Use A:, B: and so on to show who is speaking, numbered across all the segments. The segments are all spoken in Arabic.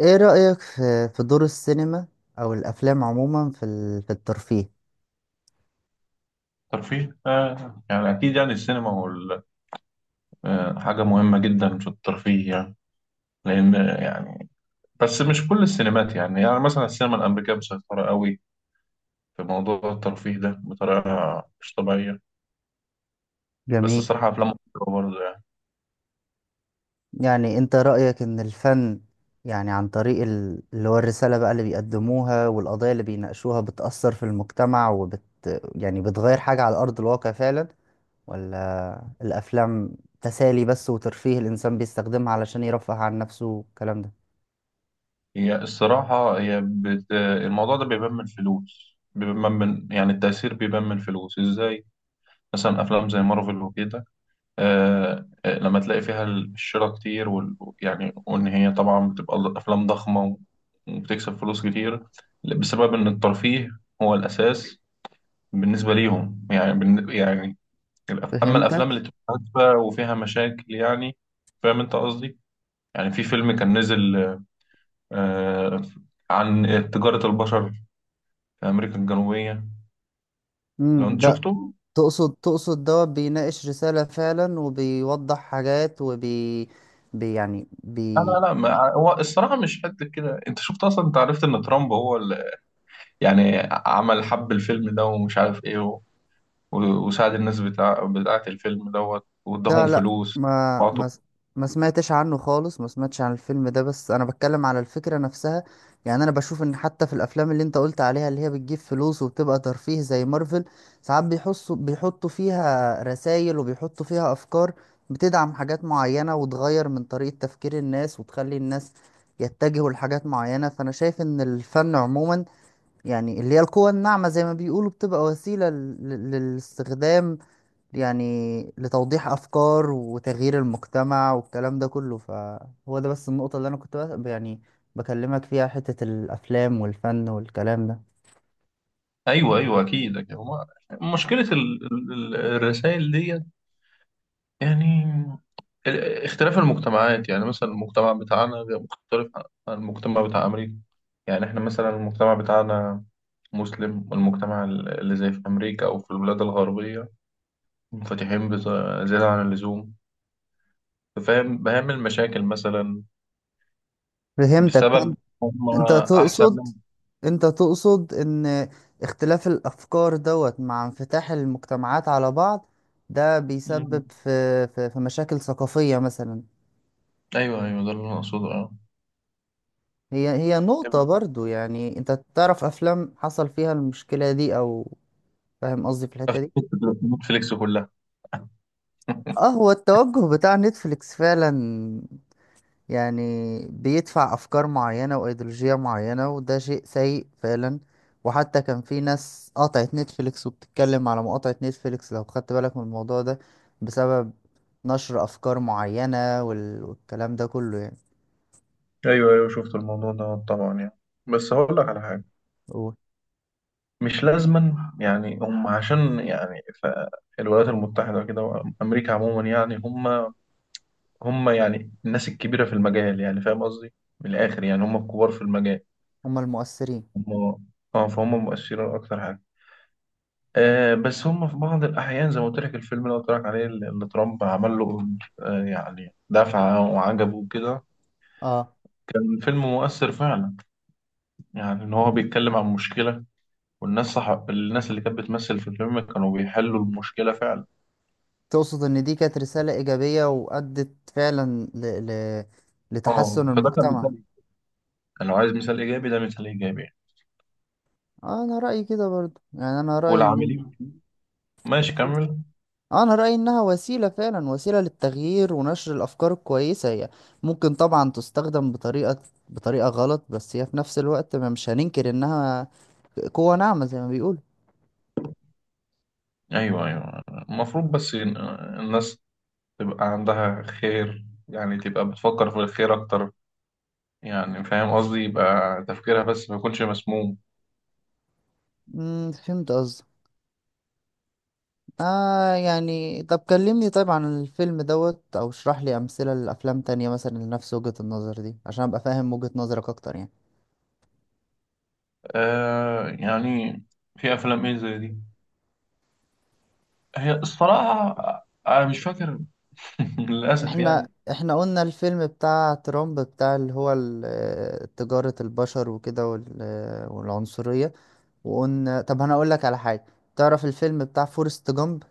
A: ايه رأيك في دور السينما او الافلام عموما في الترفيه
B: ترفيه، يعني أكيد، يعني السينما هو حاجة مهمة جدا في الترفيه، يعني. لأن، يعني بس مش كل السينمات، يعني مثلا السينما الأمريكية مسيطرة قوي في موضوع الترفيه ده بطريقة مش طبيعية. بس
A: جميل.
B: الصراحة أفلام مصر برضه، يعني.
A: يعني انت رأيك ان الفن، يعني عن طريق اللي هو الرسالة بقى اللي بيقدموها والقضايا اللي بيناقشوها بتأثر في المجتمع وبت يعني بتغير حاجة على أرض الواقع فعلا، ولا الافلام تسالي بس وترفيه الانسان بيستخدمها علشان يرفه عن نفسه والكلام ده.
B: هي الصراحة، الموضوع ده بيبان من الفلوس، بيبان من يعني التأثير، بيبان من الفلوس إزاي. مثلا أفلام زي مارفل وكده. لما تلاقي فيها الشراء كتير يعني وإن هي طبعا بتبقى أفلام ضخمة، وبتكسب فلوس كتير، بسبب إن الترفيه هو الأساس بالنسبة ليهم، يعني يعني. أما
A: فهمت.
B: الأفلام اللي بتبقى هادفة وفيها مشاكل، يعني. فاهم أنت قصدي؟ يعني في فيلم كان نزل آه، عن تجارة البشر في أمريكا الجنوبية، لو أنت شفته.
A: تقصد دوت بيناقش رسالة فعلا وبيوضح حاجات وبي بي يعني
B: لا،
A: بي
B: لا، لا، ما هو الصراحة مش قد كده. أنت شفت أصلا، أنت عرفت إن ترامب هو اللي يعني عمل حب الفيلم ده، ومش عارف ايه و- وساعد الناس بتاعة الفيلم دوت، واداهم
A: لا لا،
B: فلوس وعطوا.
A: ما سمعتش عنه خالص، ما سمعتش عن الفيلم ده، بس انا بتكلم على الفكرة نفسها. يعني انا بشوف ان حتى في الافلام اللي انت قلت عليها، اللي هي بتجيب فلوس وبتبقى ترفيه زي مارفل، ساعات بيحسوا بيحطوا فيها رسائل وبيحطوا فيها افكار بتدعم حاجات معينة وتغير من طريقة تفكير الناس وتخلي الناس يتجهوا لحاجات معينة. فأنا شايف إن الفن عموما، يعني اللي هي القوى الناعمة زي ما بيقولوا، بتبقى وسيلة للاستخدام، يعني لتوضيح أفكار وتغيير المجتمع والكلام ده كله. فهو ده بس النقطة اللي أنا كنت بكلمك فيها، حتة الأفلام والفن والكلام ده.
B: ايوه، ايوه، اكيد أكيد. هما مشكلة الرسائل ديت، يعني اختلاف المجتمعات، يعني مثلا المجتمع بتاعنا غير مختلف عن المجتمع بتاع أمريكا. يعني احنا مثلا المجتمع بتاعنا مسلم، والمجتمع اللي زي في أمريكا أو في البلاد الغربية منفتحين زيادة عن اللزوم. فاهم بهم المشاكل مثلا،
A: فهمتك.
B: بسبب
A: فأنت
B: هم
A: أنت
B: احسن
A: تقصد
B: من.
A: أنت تقصد إن اختلاف الأفكار دوت مع انفتاح المجتمعات على بعض، ده
B: مم.
A: بيسبب في مشاكل ثقافية مثلا.
B: ايوه، ايوه، ده اللي انا اقصده، اه.
A: هي نقطة برضو. يعني انت تعرف افلام حصل فيها المشكلة دي او، فاهم قصدي في الحتة دي؟
B: نتفليكس كلها.
A: اه، هو التوجه بتاع نتفليكس فعلا يعني بيدفع افكار معينة وايديولوجية معينة، وده شيء سيء فعلا. وحتى كان في ناس قطعت نتفليكس وبتتكلم على مقاطعة نتفليكس، لو خدت بالك من الموضوع ده، بسبب نشر افكار معينة والكلام ده كله يعني.
B: ايوه، ايوه، شفت الموضوع ده طبعا، يعني بس هقول لك على حاجه.
A: قول.
B: مش لازما، يعني هم عشان يعني الولايات المتحده كده، وامريكا عموما يعني هم، يعني الناس الكبيره في المجال. يعني فاهم قصدي، من الاخر يعني هم الكبار في المجال.
A: هما المؤثرين.
B: هم. اه، فهم مؤثرين اكتر حاجه. بس هم في بعض الأحيان زي ما قلت لك، الفيلم اللي قلت لك عليه اللي ترامب عمل له يعني دفعة وعجبه وكده.
A: اه،
B: الفيلم مؤثر فعلا، يعني إن هو بيتكلم عن مشكلة، والناس صح، الناس اللي كانت بتمثل في الفيلم كانوا بيحلوا المشكلة فعلا.
A: تقصد إن دي كانت رسالة إيجابية وأدت فعلا ل...
B: اه،
A: لتحسن
B: فده كان
A: المجتمع.
B: مثال. كان لو عايز مثال إيجابي، ده مثال إيجابي.
A: آه، أنا رأيي كده برضو يعني أنا رأيي إنها
B: والعاملين فيه. ماشي، كمل.
A: آه، أنا رأيي إنها وسيلة فعلا، وسيلة للتغيير ونشر الأفكار الكويسة. هي ممكن طبعا تستخدم بطريقة غلط، بس هي في نفس الوقت ما مش هننكر إنها قوة ناعمة زي ما بيقولوا.
B: أيوه، أيوه، المفروض بس الناس تبقى عندها خير، يعني تبقى بتفكر في الخير أكتر، يعني فاهم قصدي، يبقى تفكيرها بس ما يكونش مسموم.
A: فهمت قصدك. آه يعني، طب كلمني طيب عن الفيلم دوت، او اشرح لي امثلة لافلام تانية مثلا لنفس وجهة النظر دي عشان ابقى فاهم وجهة نظرك اكتر يعني.
B: يعني في افلام ايه زي دي، هي الصراحه انا مش فاكر. للاسف
A: احنا
B: يعني.
A: احنا قلنا الفيلم بتاع ترامب، بتاع اللي هو تجارة البشر وكده والعنصرية، وقلنا طب انا اقول لك على حاجة. تعرف الفيلم بتاع فورست جامب؟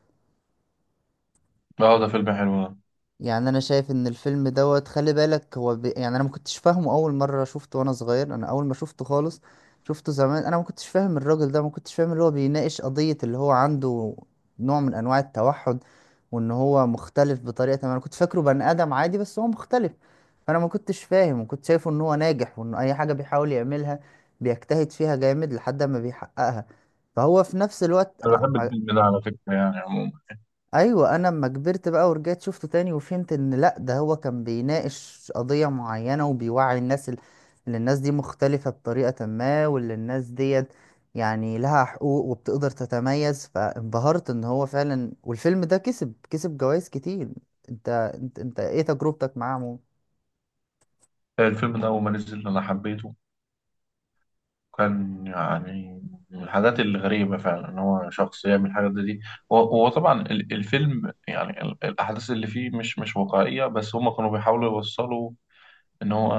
B: اه، ده فيلم حلو ده.
A: يعني انا شايف ان الفيلم دوت، خلي بالك، هو ب... يعني انا ما كنتش فاهمه اول مره شفته وانا صغير. انا اول ما شفته خالص، شفته زمان، انا ما كنتش فاهم الراجل ده، ما كنتش فاهم اللي هو بيناقش قضيه اللي هو عنده نوع من انواع التوحد، وان هو مختلف بطريقه ما. انا كنت فاكره بني ادم عادي، بس هو مختلف. فانا ما كنتش فاهم، وكنت شايفه ان هو ناجح وان اي حاجه بيحاول يعملها بيجتهد فيها جامد لحد ما بيحققها، فهو في نفس الوقت.
B: انا بحب الفيلم ده على فكره، يعني عموما.
A: ايوه، انا لما كبرت بقى ورجعت شفته تاني وفهمت ان لا، ده هو كان بيناقش قضية معينة وبيوعي الناس، ان الناس دي مختلفة بطريقة ما، وان الناس ديت يعني لها حقوق وبتقدر تتميز. فانبهرت ان هو فعلا، والفيلم ده كسب جوائز كتير. انت، انت ايه تجربتك معاه عموما؟
B: الفيلم ده اول ما نزل انا حبيته، كان يعني من الحاجات الغريبه فعلا ان هو شخص يعمل الحاجات دي. هو طبعا الفيلم، يعني الاحداث اللي فيه مش واقعيه، بس هم كانوا بيحاولوا يوصلوا ان هو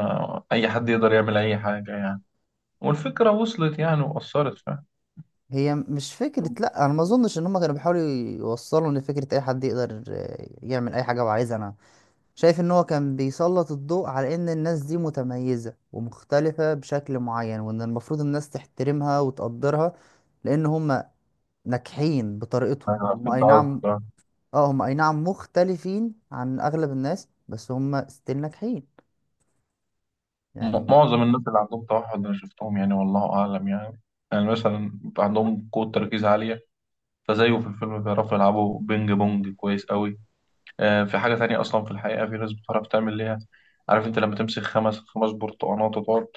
B: اي حد يقدر يعمل اي حاجه، يعني. والفكرة وصلت يعني وأثرت، فاهم.
A: هي مش فكرة، لا انا ما اظنش ان هم كانوا بيحاولوا يوصلوا ان فكرة اي حد يقدر يعمل اي حاجة هو عايزها. انا شايف ان هو كان بيسلط الضوء على ان الناس دي متميزة ومختلفة بشكل معين، وان المفروض الناس تحترمها وتقدرها لان هم ناجحين بطريقتهم
B: أنا
A: هم،
B: فهمت
A: اي نعم.
B: قصدك، آه.
A: اه هم اي نعم مختلفين عن اغلب الناس، بس هم ستيل ناجحين يعني.
B: معظم الناس اللي عندهم توحد أنا شفتهم، يعني والله أعلم يعني. يعني مثلا عندهم قوة تركيز عالية، فزيه في الفيلم بيعرفوا يلعبوا بينج بونج كويس قوي. في حاجة تانية أصلا، في الحقيقة في ناس بتعرف تعمل ليها. عارف أنت لما تمسك خمس خمس برتقانات وتقعد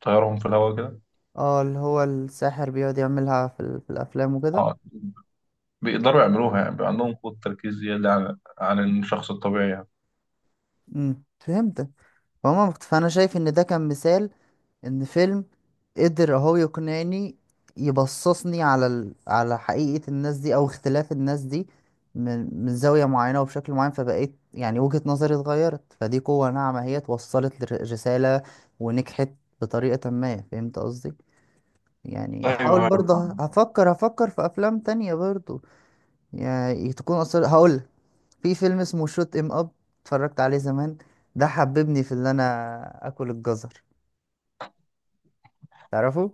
B: تطيرهم في الهواء كده.
A: اه، اللي هو الساحر بيقعد يعملها في الافلام وكده.
B: آه بيقدروا يعملوها، يعني بيبقى عندهم قوة تركيز زيادة عن الشخص الطبيعي، يعني.
A: فهمتك. فانا شايف ان ده كان مثال ان فيلم قدر اهو يقنعني يبصصني على على حقيقة الناس دي، او اختلاف الناس دي من زاوية معينة وبشكل معين. فبقيت يعني وجهة نظري اتغيرت، فدي قوة ناعمة. هي توصلت لرسالة ونجحت بطريقة ما. فهمت قصدي؟ يعني
B: ايوه،
A: هحاول
B: ايوه،
A: برضه، هفكر في افلام تانية برضه. يعني تكون اصلا، هقول في فيلم اسمه شوت ام اب، اتفرجت عليه زمان. ده حببني في اللي انا اكل الجزر. تعرفه؟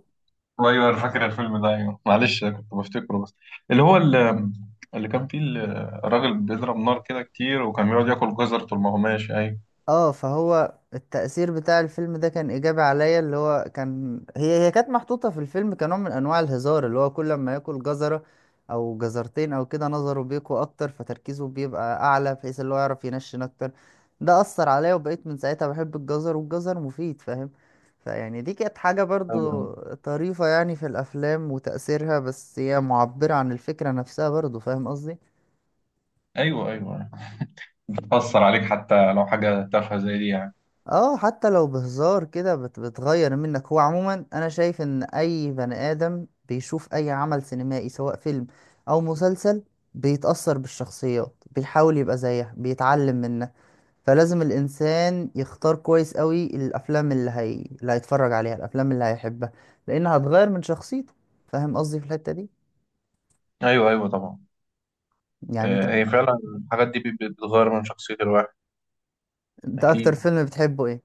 B: ايوه، انا فاكر الفيلم ده. ايوه، معلش أنا كنت بفتكره بس، اللي هو اللي كان فيه الراجل بيضرب نار كده كتير، وكان بيقعد ياكل جزر طول ما هو ماشي، ايوه.
A: اه، فهو التأثير بتاع الفيلم ده كان إيجابي عليا، اللي هو كان هي كانت محطوطة في الفيلم كنوع من أنواع الهزار، اللي هو كل ما ياكل جزرة أو جزرتين أو كده نظره بيقوى أكتر، فتركيزه بيبقى أعلى بحيث اللي هو يعرف ينشن أكتر. ده أثر عليا، وبقيت من ساعتها بحب الجزر، والجزر مفيد فاهم. فيعني دي كانت حاجة برضو طريفة يعني في الأفلام وتأثيرها، بس هي معبرة عن الفكرة نفسها برضو، فاهم قصدي؟
B: ايوه، ايوه، ايوه، بتأثر عليك حتى لو حاجه تافهه زي دي، يعني.
A: اه، حتى لو بهزار كده بتغير منك. هو عموما انا شايف ان اي بني ادم بيشوف اي عمل سينمائي سواء فيلم او مسلسل، بيتأثر بالشخصيات، بيحاول يبقى زيها، بيتعلم منها. فلازم الانسان يختار كويس قوي الافلام اللي هيتفرج عليها، الافلام اللي هيحبها، لانها هتغير من شخصيته. فاهم قصدي في الحتة دي؟
B: ايوه، ايوه، طبعا.
A: يعني انت،
B: آه، هي فعلا الحاجات دي بتغير من شخصيه الواحد.
A: انت اكتر
B: اكيد.
A: فيلم بتحبه ايه؟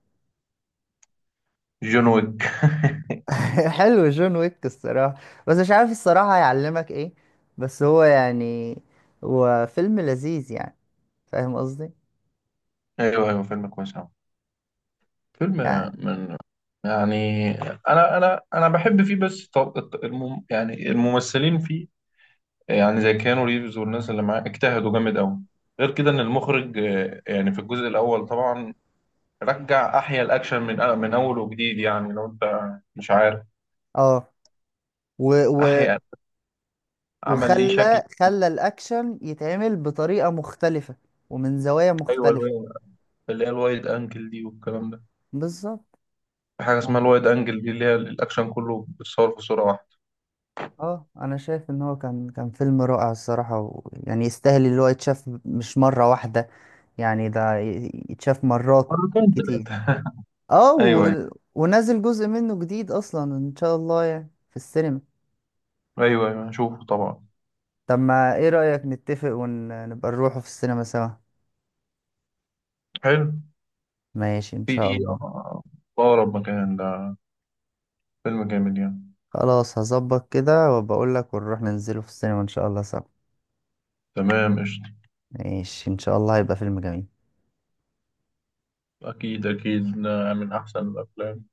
B: جون ويك.
A: حلو، جون ويك الصراحة. بس مش عارف الصراحة هيعلمك ايه، بس هو يعني هو فيلم لذيذ يعني، فاهم قصدي؟
B: ايوه، ايوه، فيلم كويس أوي. فيلم
A: يعني
B: من، يعني. انا بحب فيه، بس طب يعني الممثلين فيه، يعني زي كيانو ريفز والناس اللي معاه اجتهدوا جامد قوي. غير كده ان المخرج، يعني في الجزء الاول طبعا رجع احيا الاكشن من اول وجديد، يعني لو انت مش عارف.
A: اه، و و
B: احيا، عمل ليه شكل.
A: وخلى الأكشن يتعمل بطريقة مختلفة ومن زوايا
B: ايوه،
A: مختلفة.
B: اللي هي الوايد انجل دي والكلام ده.
A: بالظبط.
B: في حاجه اسمها
A: يعني
B: الوايد انجل دي، اللي هي الاكشن كله بيتصور في صوره واحده.
A: اه، انا شايف ان هو كان فيلم رائع الصراحة، ويعني يستاهل اللي هو يتشاف مش مرة واحدة، يعني ده يتشاف مرات
B: مرتين،
A: كتير.
B: ثلاثه.
A: اه
B: ايوه،
A: و...
B: ايوه،
A: ونازل جزء منه جديد اصلا ان شاء الله يعني في السينما.
B: ايوه، ايوه، شوفه طبعا.
A: طب ما ايه رأيك نتفق ونبقى نروحه في السينما سوا؟
B: حلو.
A: ماشي ان شاء
B: في
A: الله.
B: اقرب مكان ده. فيلم جامد يعني.
A: خلاص هظبط كده وبقول لك ونروح ننزله في السينما ان شاء الله سوا.
B: تمام، قشطة.
A: ماشي ان شاء الله، هيبقى فيلم جميل.
B: اكيد، اكيد، ده من احسن الافلام.